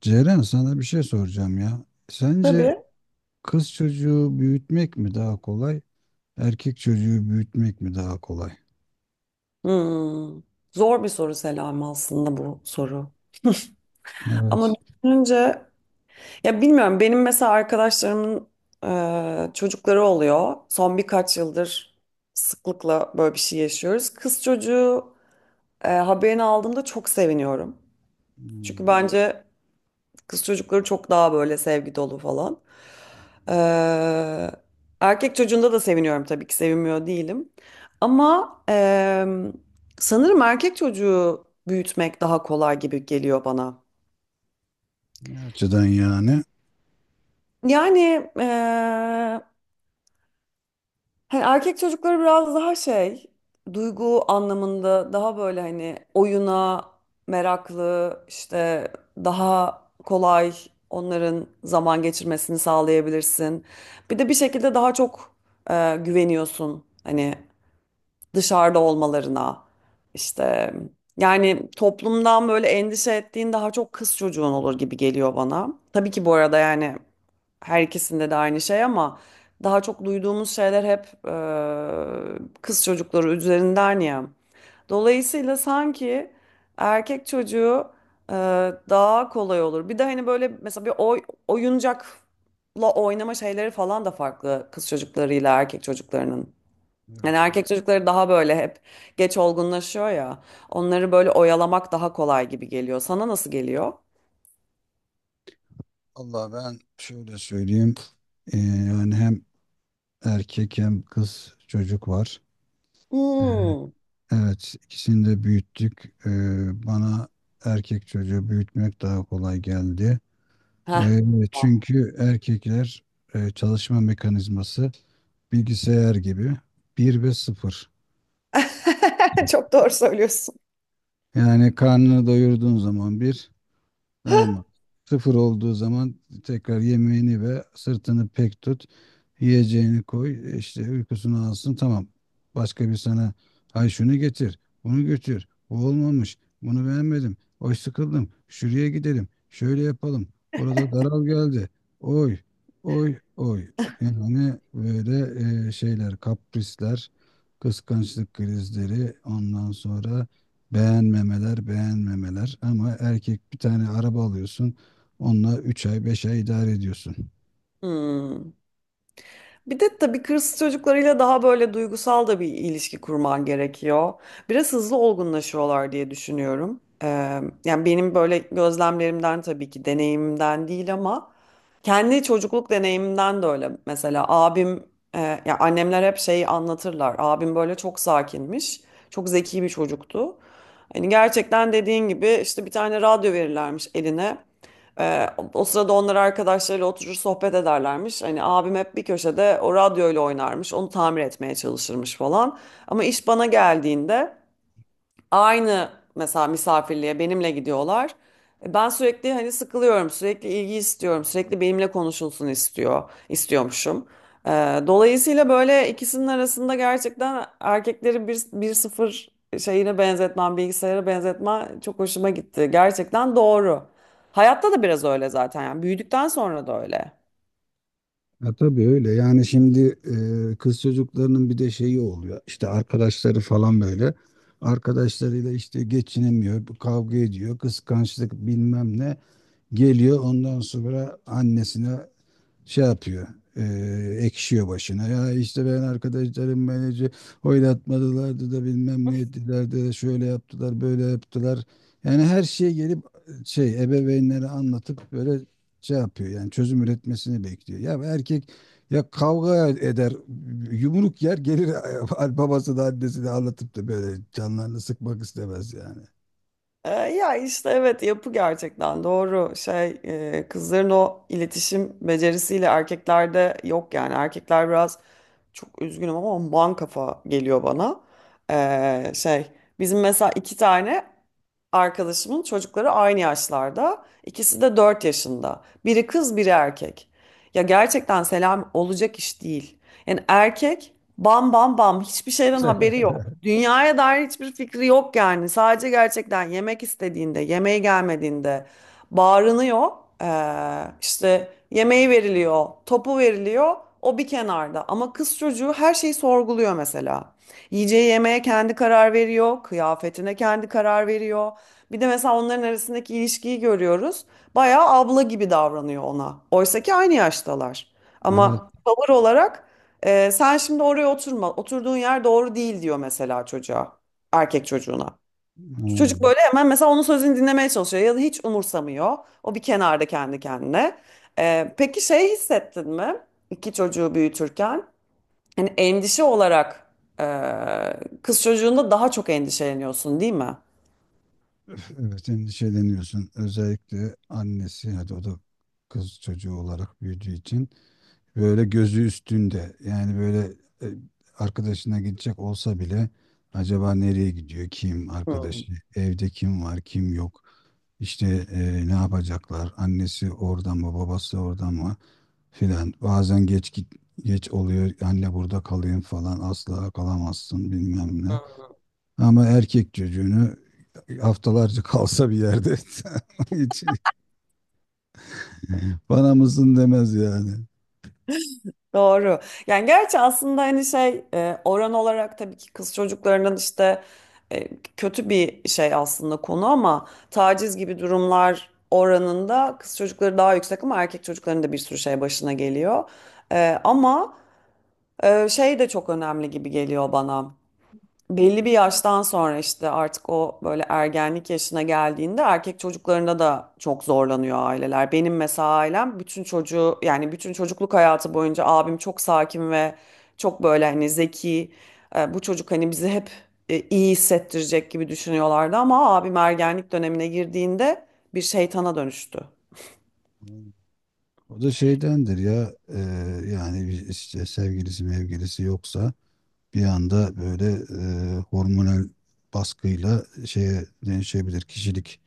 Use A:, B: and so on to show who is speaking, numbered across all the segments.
A: Ceren sana bir şey soracağım ya. Sence
B: Tabii.
A: kız çocuğu büyütmek mi daha kolay, erkek çocuğu büyütmek mi daha kolay?
B: Hmm. Zor bir soru, Selam, aslında bu soru. Ama
A: Evet.
B: düşününce ya bilmiyorum, benim mesela arkadaşlarımın çocukları oluyor. Son birkaç yıldır sıklıkla böyle bir şey yaşıyoruz. Kız çocuğu haberini aldığımda çok seviniyorum. Çünkü
A: Hmm.
B: bence kız çocukları çok daha böyle sevgi dolu falan. Ee, Erkek çocuğunda da seviniyorum, tabii ki sevinmiyor değilim. Ama sanırım erkek çocuğu büyütmek daha kolay gibi geliyor bana.
A: Ne açıdan yani?
B: Yani hani erkek çocukları biraz daha şey, duygu anlamında daha böyle, hani oyuna meraklı, işte daha kolay onların zaman geçirmesini sağlayabilirsin. Bir de bir şekilde daha çok güveniyorsun hani dışarıda olmalarına. İşte yani toplumdan böyle endişe ettiğin daha çok kız çocuğun olur gibi geliyor bana. Tabii ki bu arada yani her ikisinde de aynı şey, ama daha çok duyduğumuz şeyler hep kız çocukları üzerinden ya. Dolayısıyla sanki erkek çocuğu e, daha kolay olur. Bir de hani böyle mesela bir oyuncakla oynama şeyleri falan da farklı kız çocuklarıyla erkek çocuklarının.
A: Evet.
B: Yani
A: Dur.
B: erkek çocukları daha böyle hep geç olgunlaşıyor ya. Onları böyle oyalamak daha kolay gibi geliyor. Sana nasıl geliyor?
A: Allah ben şöyle söyleyeyim. Yani hem erkek hem kız çocuk var. Ee,
B: Hmm.
A: Evet, ikisini de büyüttük. Bana erkek çocuğu büyütmek daha kolay geldi.
B: Heh.
A: Ee, çünkü erkekler çalışma mekanizması bilgisayar gibi bir ve sıfır.
B: Çok doğru söylüyorsun.
A: Yani karnını doyurduğun zaman bir. Ama sıfır olduğu zaman tekrar yemeğini ve sırtını pek tut. Yiyeceğini koy. İşte uykusunu alsın. Tamam. Başka bir sana ay şunu getir. Bunu götür. Bu olmamış. Bunu beğenmedim. Oy, sıkıldım. Şuraya gidelim. Şöyle yapalım. Burada daral geldi. Oy. Oy. Oy. Yani böyle şeyler, kaprisler, kıskançlık krizleri, ondan sonra beğenmemeler, beğenmemeler, ama erkek bir tane araba alıyorsun. Onunla 3 ay, 5 ay idare ediyorsun.
B: Hmm. Bir de tabii kız çocuklarıyla daha böyle duygusal da bir ilişki kurman gerekiyor. Biraz hızlı olgunlaşıyorlar diye düşünüyorum. Yani benim böyle gözlemlerimden, tabii ki deneyimimden değil, ama kendi çocukluk deneyimimden de öyle. Mesela abim, ya annemler hep şeyi anlatırlar. Abim böyle çok sakinmiş, çok zeki bir çocuktu. Hani gerçekten dediğin gibi işte bir tane radyo verirlermiş eline. Ee, O sırada onlar arkadaşlarıyla oturur sohbet ederlermiş. Hani abim hep bir köşede o radyoyla oynarmış. Onu tamir etmeye çalışırmış falan. Ama iş bana geldiğinde aynı, mesela misafirliğe benimle gidiyorlar. Ben sürekli hani sıkılıyorum, sürekli ilgi istiyorum, sürekli benimle konuşulsun istiyormuşum. E, Dolayısıyla böyle ikisinin arasında gerçekten erkekleri bir sıfır şeyine benzetmem, bilgisayara benzetme çok hoşuma gitti. Gerçekten doğru. Hayatta da biraz öyle zaten, yani büyüdükten sonra da öyle.
A: Ya tabii öyle. Yani şimdi kız çocuklarının bir de şeyi oluyor. İşte arkadaşları falan böyle. Arkadaşlarıyla işte geçinemiyor, kavga ediyor, kıskançlık bilmem ne geliyor. Ondan sonra annesine şey yapıyor. e, Ekşiyor başına. Ya işte ben arkadaşlarım beni oylatmadılardı da bilmem ne ettiler de şöyle yaptılar böyle yaptılar. Yani her şeye gelip şey, ebeveynlere anlatıp böyle şey yapıyor. Yani çözüm üretmesini bekliyor. Ya erkek ya kavga eder, yumruk yer gelir babası da annesi de anlatıp da böyle canlarını sıkmak istemez yani.
B: Ya işte evet, yapı gerçekten doğru şey, kızların o iletişim becerisiyle erkeklerde yok yani. Erkekler biraz, çok üzgünüm ama, man kafa geliyor bana. Şey, bizim mesela iki tane arkadaşımın çocukları aynı yaşlarda. İkisi de 4 yaşında. Biri kız, biri erkek. Ya gerçekten selam olacak iş değil. Yani erkek bam bam bam, hiçbir şeyden haberi yok. Dünyaya dair hiçbir fikri yok yani. Sadece gerçekten yemek istediğinde, yemeğe gelmediğinde bağırınıyor. İşte yemeği veriliyor, topu veriliyor. O bir kenarda. Ama kız çocuğu her şeyi sorguluyor mesela. Yiyeceği yemeğe kendi karar veriyor, kıyafetine kendi karar veriyor. Bir de mesela onların arasındaki ilişkiyi görüyoruz. Bayağı abla gibi davranıyor ona. Oysa ki aynı yaştalar.
A: Evet.
B: Ama tavır olarak sen şimdi oraya oturma. Oturduğun yer doğru değil diyor mesela çocuğa. Erkek çocuğuna. Çocuk
A: Hmm.
B: böyle hemen mesela onun sözünü dinlemeye çalışıyor ya da hiç umursamıyor. O bir kenarda kendi kendine. Peki şey, hissettin mi? İki çocuğu büyütürken hani endişe olarak kız çocuğunda daha çok endişeleniyorsun değil mi?
A: Evet, endişeleniyorsun. Özellikle annesi, hadi o da kız çocuğu olarak büyüdüğü için böyle gözü üstünde. Yani böyle e, arkadaşına gidecek olsa bile acaba nereye gidiyor? Kim
B: Hmm.
A: arkadaşı? Evde kim var? Kim yok? İşte ne yapacaklar? Annesi orada mı? Babası orada mı? Filan. Bazen geç git, geç oluyor. Anne burada kalayım falan. Asla kalamazsın bilmem ne. Ama erkek çocuğunu haftalarca kalsa bir yerde hiç bana mısın demez yani.
B: Doğru. Yani gerçi aslında hani şey, oran olarak tabii ki kız çocuklarının işte, e, kötü bir şey aslında konu, ama taciz gibi durumlar oranında kız çocukları daha yüksek, ama erkek çocukların da bir sürü şey başına geliyor. Ama şey de çok önemli gibi geliyor bana. Belli bir yaştan sonra, işte artık o böyle ergenlik yaşına geldiğinde, erkek çocuklarında da çok zorlanıyor aileler. Benim mesela ailem bütün çocuğu, yani bütün çocukluk hayatı boyunca abim çok sakin ve çok böyle hani zeki. Bu çocuk hani bizi hep iyi hissettirecek gibi düşünüyorlardı, ama abim ergenlik dönemine girdiğinde bir şeytana dönüştü.
A: O da şeydendir ya, yani bir işte sevgilisi mevgilisi yoksa bir anda böyle hormonal baskıyla şeye dönüşebilir. Kişilik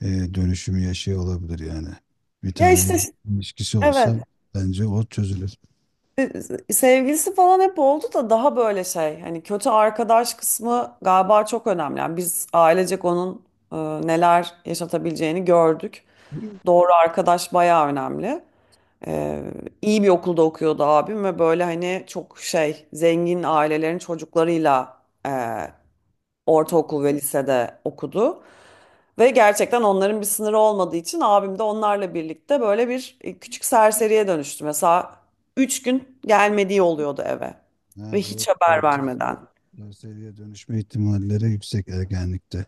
A: e, dönüşümü yaşıyor olabilir yani. Bir
B: Ya
A: tane
B: işte
A: ilişkisi olsa
B: evet.
A: bence o çözülür.
B: Sevgilisi falan hep oldu da daha böyle şey, hani kötü arkadaş kısmı galiba çok önemli. Yani biz ailecek onun neler yaşatabileceğini gördük. Doğru arkadaş bayağı önemli. E, iyi bir okulda okuyordu abim ve böyle hani çok şey, zengin ailelerin çocuklarıyla ortaokul ve lisede okudu. Ve gerçekten onların bir sınırı olmadığı için abim de onlarla birlikte böyle bir küçük serseriye dönüştü. Mesela 3 gün gelmediği oluyordu eve ve
A: Ha, doğru.
B: hiç haber
A: Dertsiz,
B: vermeden.
A: seviye dönüşme ihtimalleri yüksek ergenlikte.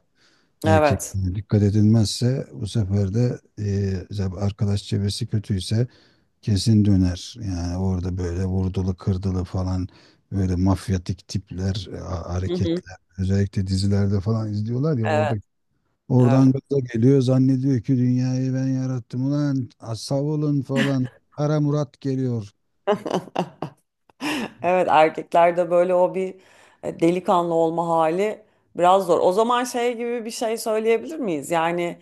B: Evet.
A: Erkekliğine dikkat edilmezse bu sefer de mesela arkadaş çevresi kötüyse kesin döner. Yani orada böyle vurdulu kırdılı falan, böyle mafyatik tipler,
B: Hı hı.
A: hareketler. Özellikle dizilerde falan izliyorlar ya, orada
B: Evet. Evet.
A: oradan gaza geliyor, zannediyor ki dünyayı ben yarattım ulan, savulun falan. Kara Murat geliyor.
B: Evet, erkeklerde böyle o bir delikanlı olma hali biraz zor. O zaman şey gibi bir şey söyleyebilir miyiz? Yani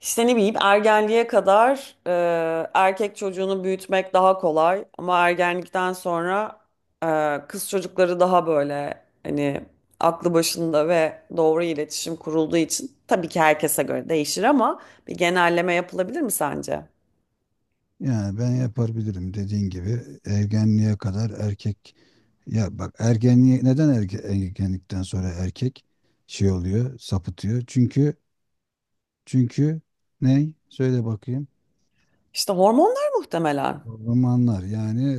B: İşte ne bileyim, ergenliğe kadar erkek çocuğunu büyütmek daha kolay, ama ergenlikten sonra kız çocukları daha böyle, hani aklı başında ve doğru iletişim kurulduğu için, tabii ki herkese göre değişir ama bir genelleme yapılabilir mi sence?
A: Yani ben yapabilirim, dediğin gibi ergenliğe kadar erkek, ya bak, ergenliğe neden ergenlikten sonra erkek şey oluyor, sapıtıyor, çünkü çünkü ney, söyle bakayım.
B: İşte hormonlar muhtemelen.
A: Hormonlar, yani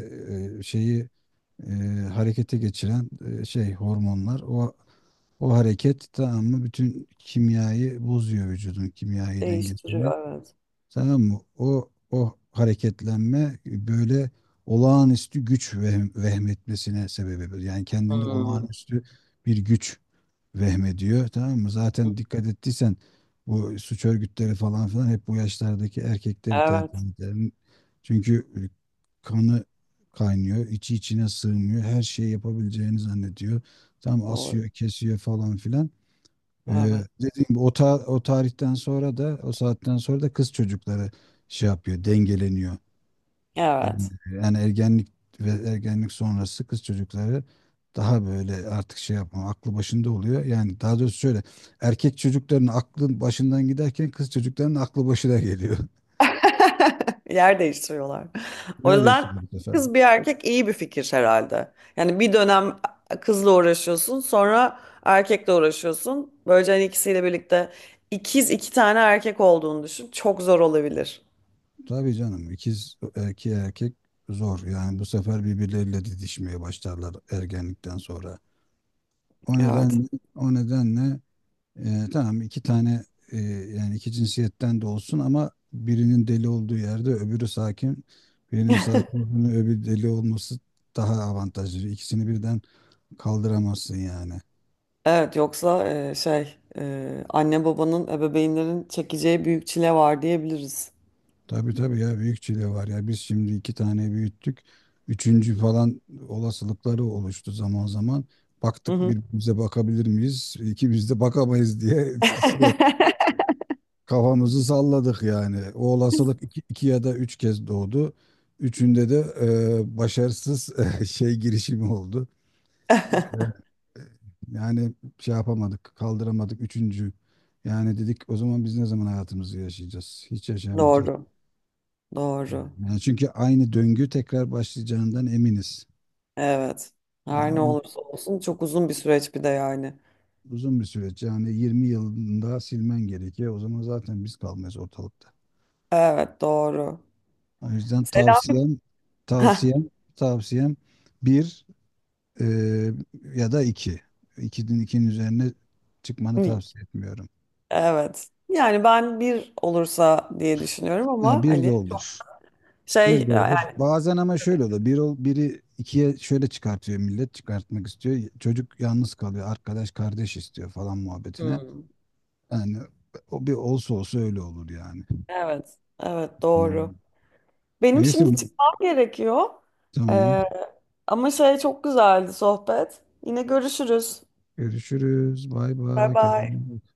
A: şeyi e, harekete geçiren şey hormonlar, o hareket, tamam mı, bütün kimyayı bozuyor, vücudun kimyayı dengesini.
B: Değiştiriyor, evet.
A: Tamam mı? O hareketlenme böyle olağanüstü güç vehmetmesine sebep olur. Yani kendinde
B: Hmm.
A: olağanüstü bir güç vehmediyor. Tamam mı? Zaten dikkat ettiysen bu suç örgütleri falan filan hep bu yaşlardaki erkekleri tercih
B: Evet.
A: eder. Çünkü kanı kaynıyor, içi içine sığmıyor. Her şeyi yapabileceğini zannediyor. Tam
B: Doğru.
A: asıyor, kesiyor falan filan. Ee,
B: Evet.
A: dediğim gibi o tarihten sonra da, o saatten sonra da kız çocukları şey yapıyor, dengeleniyor. Yani,
B: Evet.
A: yani ergenlik ve ergenlik sonrası kız çocukları daha böyle artık şey yapma, aklı başında oluyor. Yani daha doğrusu şöyle, erkek çocukların aklı başından giderken kız çocukların aklı başına geliyor.
B: Yer değiştiriyorlar. O
A: Neredeyse
B: yüzden
A: bu sefer.
B: kız bir erkek iyi bir fikir herhalde. Yani bir dönem kızla uğraşıyorsun, sonra erkekle uğraşıyorsun. Böylece hani ikisiyle birlikte ikiz iki tane erkek olduğunu düşün, çok zor olabilir.
A: Tabii canım, ikiz erkeğe erkek zor. Yani bu sefer birbirleriyle didişmeye başlarlar ergenlikten sonra. O
B: Evet.
A: nedenle, o nedenle, tamam, iki tane e, yani iki cinsiyetten de olsun, ama birinin deli olduğu yerde öbürü sakin. Birinin sakin olduğunu öbürü deli olması daha avantajlı. İkisini birden kaldıramazsın yani.
B: Evet, yoksa şey, anne babanın ebeveynlerin çekeceği büyük çile var diyebiliriz.
A: Tabii tabii, ya büyük çile var ya. Biz şimdi iki tane büyüttük. Üçüncü falan olasılıkları oluştu zaman zaman.
B: Hı
A: Baktık,
B: hı.
A: birbirimize bakabilir miyiz? İkimiz de bakamayız diye şey, kafamızı salladık yani. O olasılık iki, iki ya da üç kez doğdu. Üçünde de başarısız şey girişimi oldu. Evet. Yani şey yapamadık, kaldıramadık üçüncü. Yani dedik, o zaman biz ne zaman hayatımızı yaşayacağız? Hiç yaşayamayacağız.
B: Doğru. Doğru.
A: Yani çünkü aynı döngü tekrar başlayacağından eminiz.
B: Evet.
A: Yani
B: Her ne
A: o
B: olursa olsun çok uzun bir süreç bir de, yani.
A: uzun bir süreç. Yani 20 yılında silmen gerekiyor. O zaman zaten biz kalmayız ortalıkta.
B: Evet, doğru.
A: O yüzden
B: Selami, heh,
A: tavsiyem, tavsiyem bir, Ee, ya da iki. İkinin üzerine çıkmanı tavsiye etmiyorum.
B: evet. Yani ben bir olursa diye düşünüyorum
A: Ha,
B: ama
A: bir de
B: hani çok
A: olur. Bir
B: şey
A: de
B: yani.
A: olur. Bazen ama şöyle oluyor. Biri ikiye şöyle çıkartıyor millet. Çıkartmak istiyor. Çocuk yalnız kalıyor. Arkadaş kardeş istiyor falan muhabbetine.
B: Hmm.
A: Yani o bir olsa olsa öyle olur yani.
B: Evet evet, doğru.
A: Hmm.
B: Benim
A: Neyse.
B: şimdi çıkmam gerekiyor.
A: Tamam.
B: Ee, Ama şey, çok güzeldi sohbet. Yine görüşürüz.
A: Görüşürüz. Bay
B: Bay
A: bay. Kendine
B: bay.
A: iyi bak.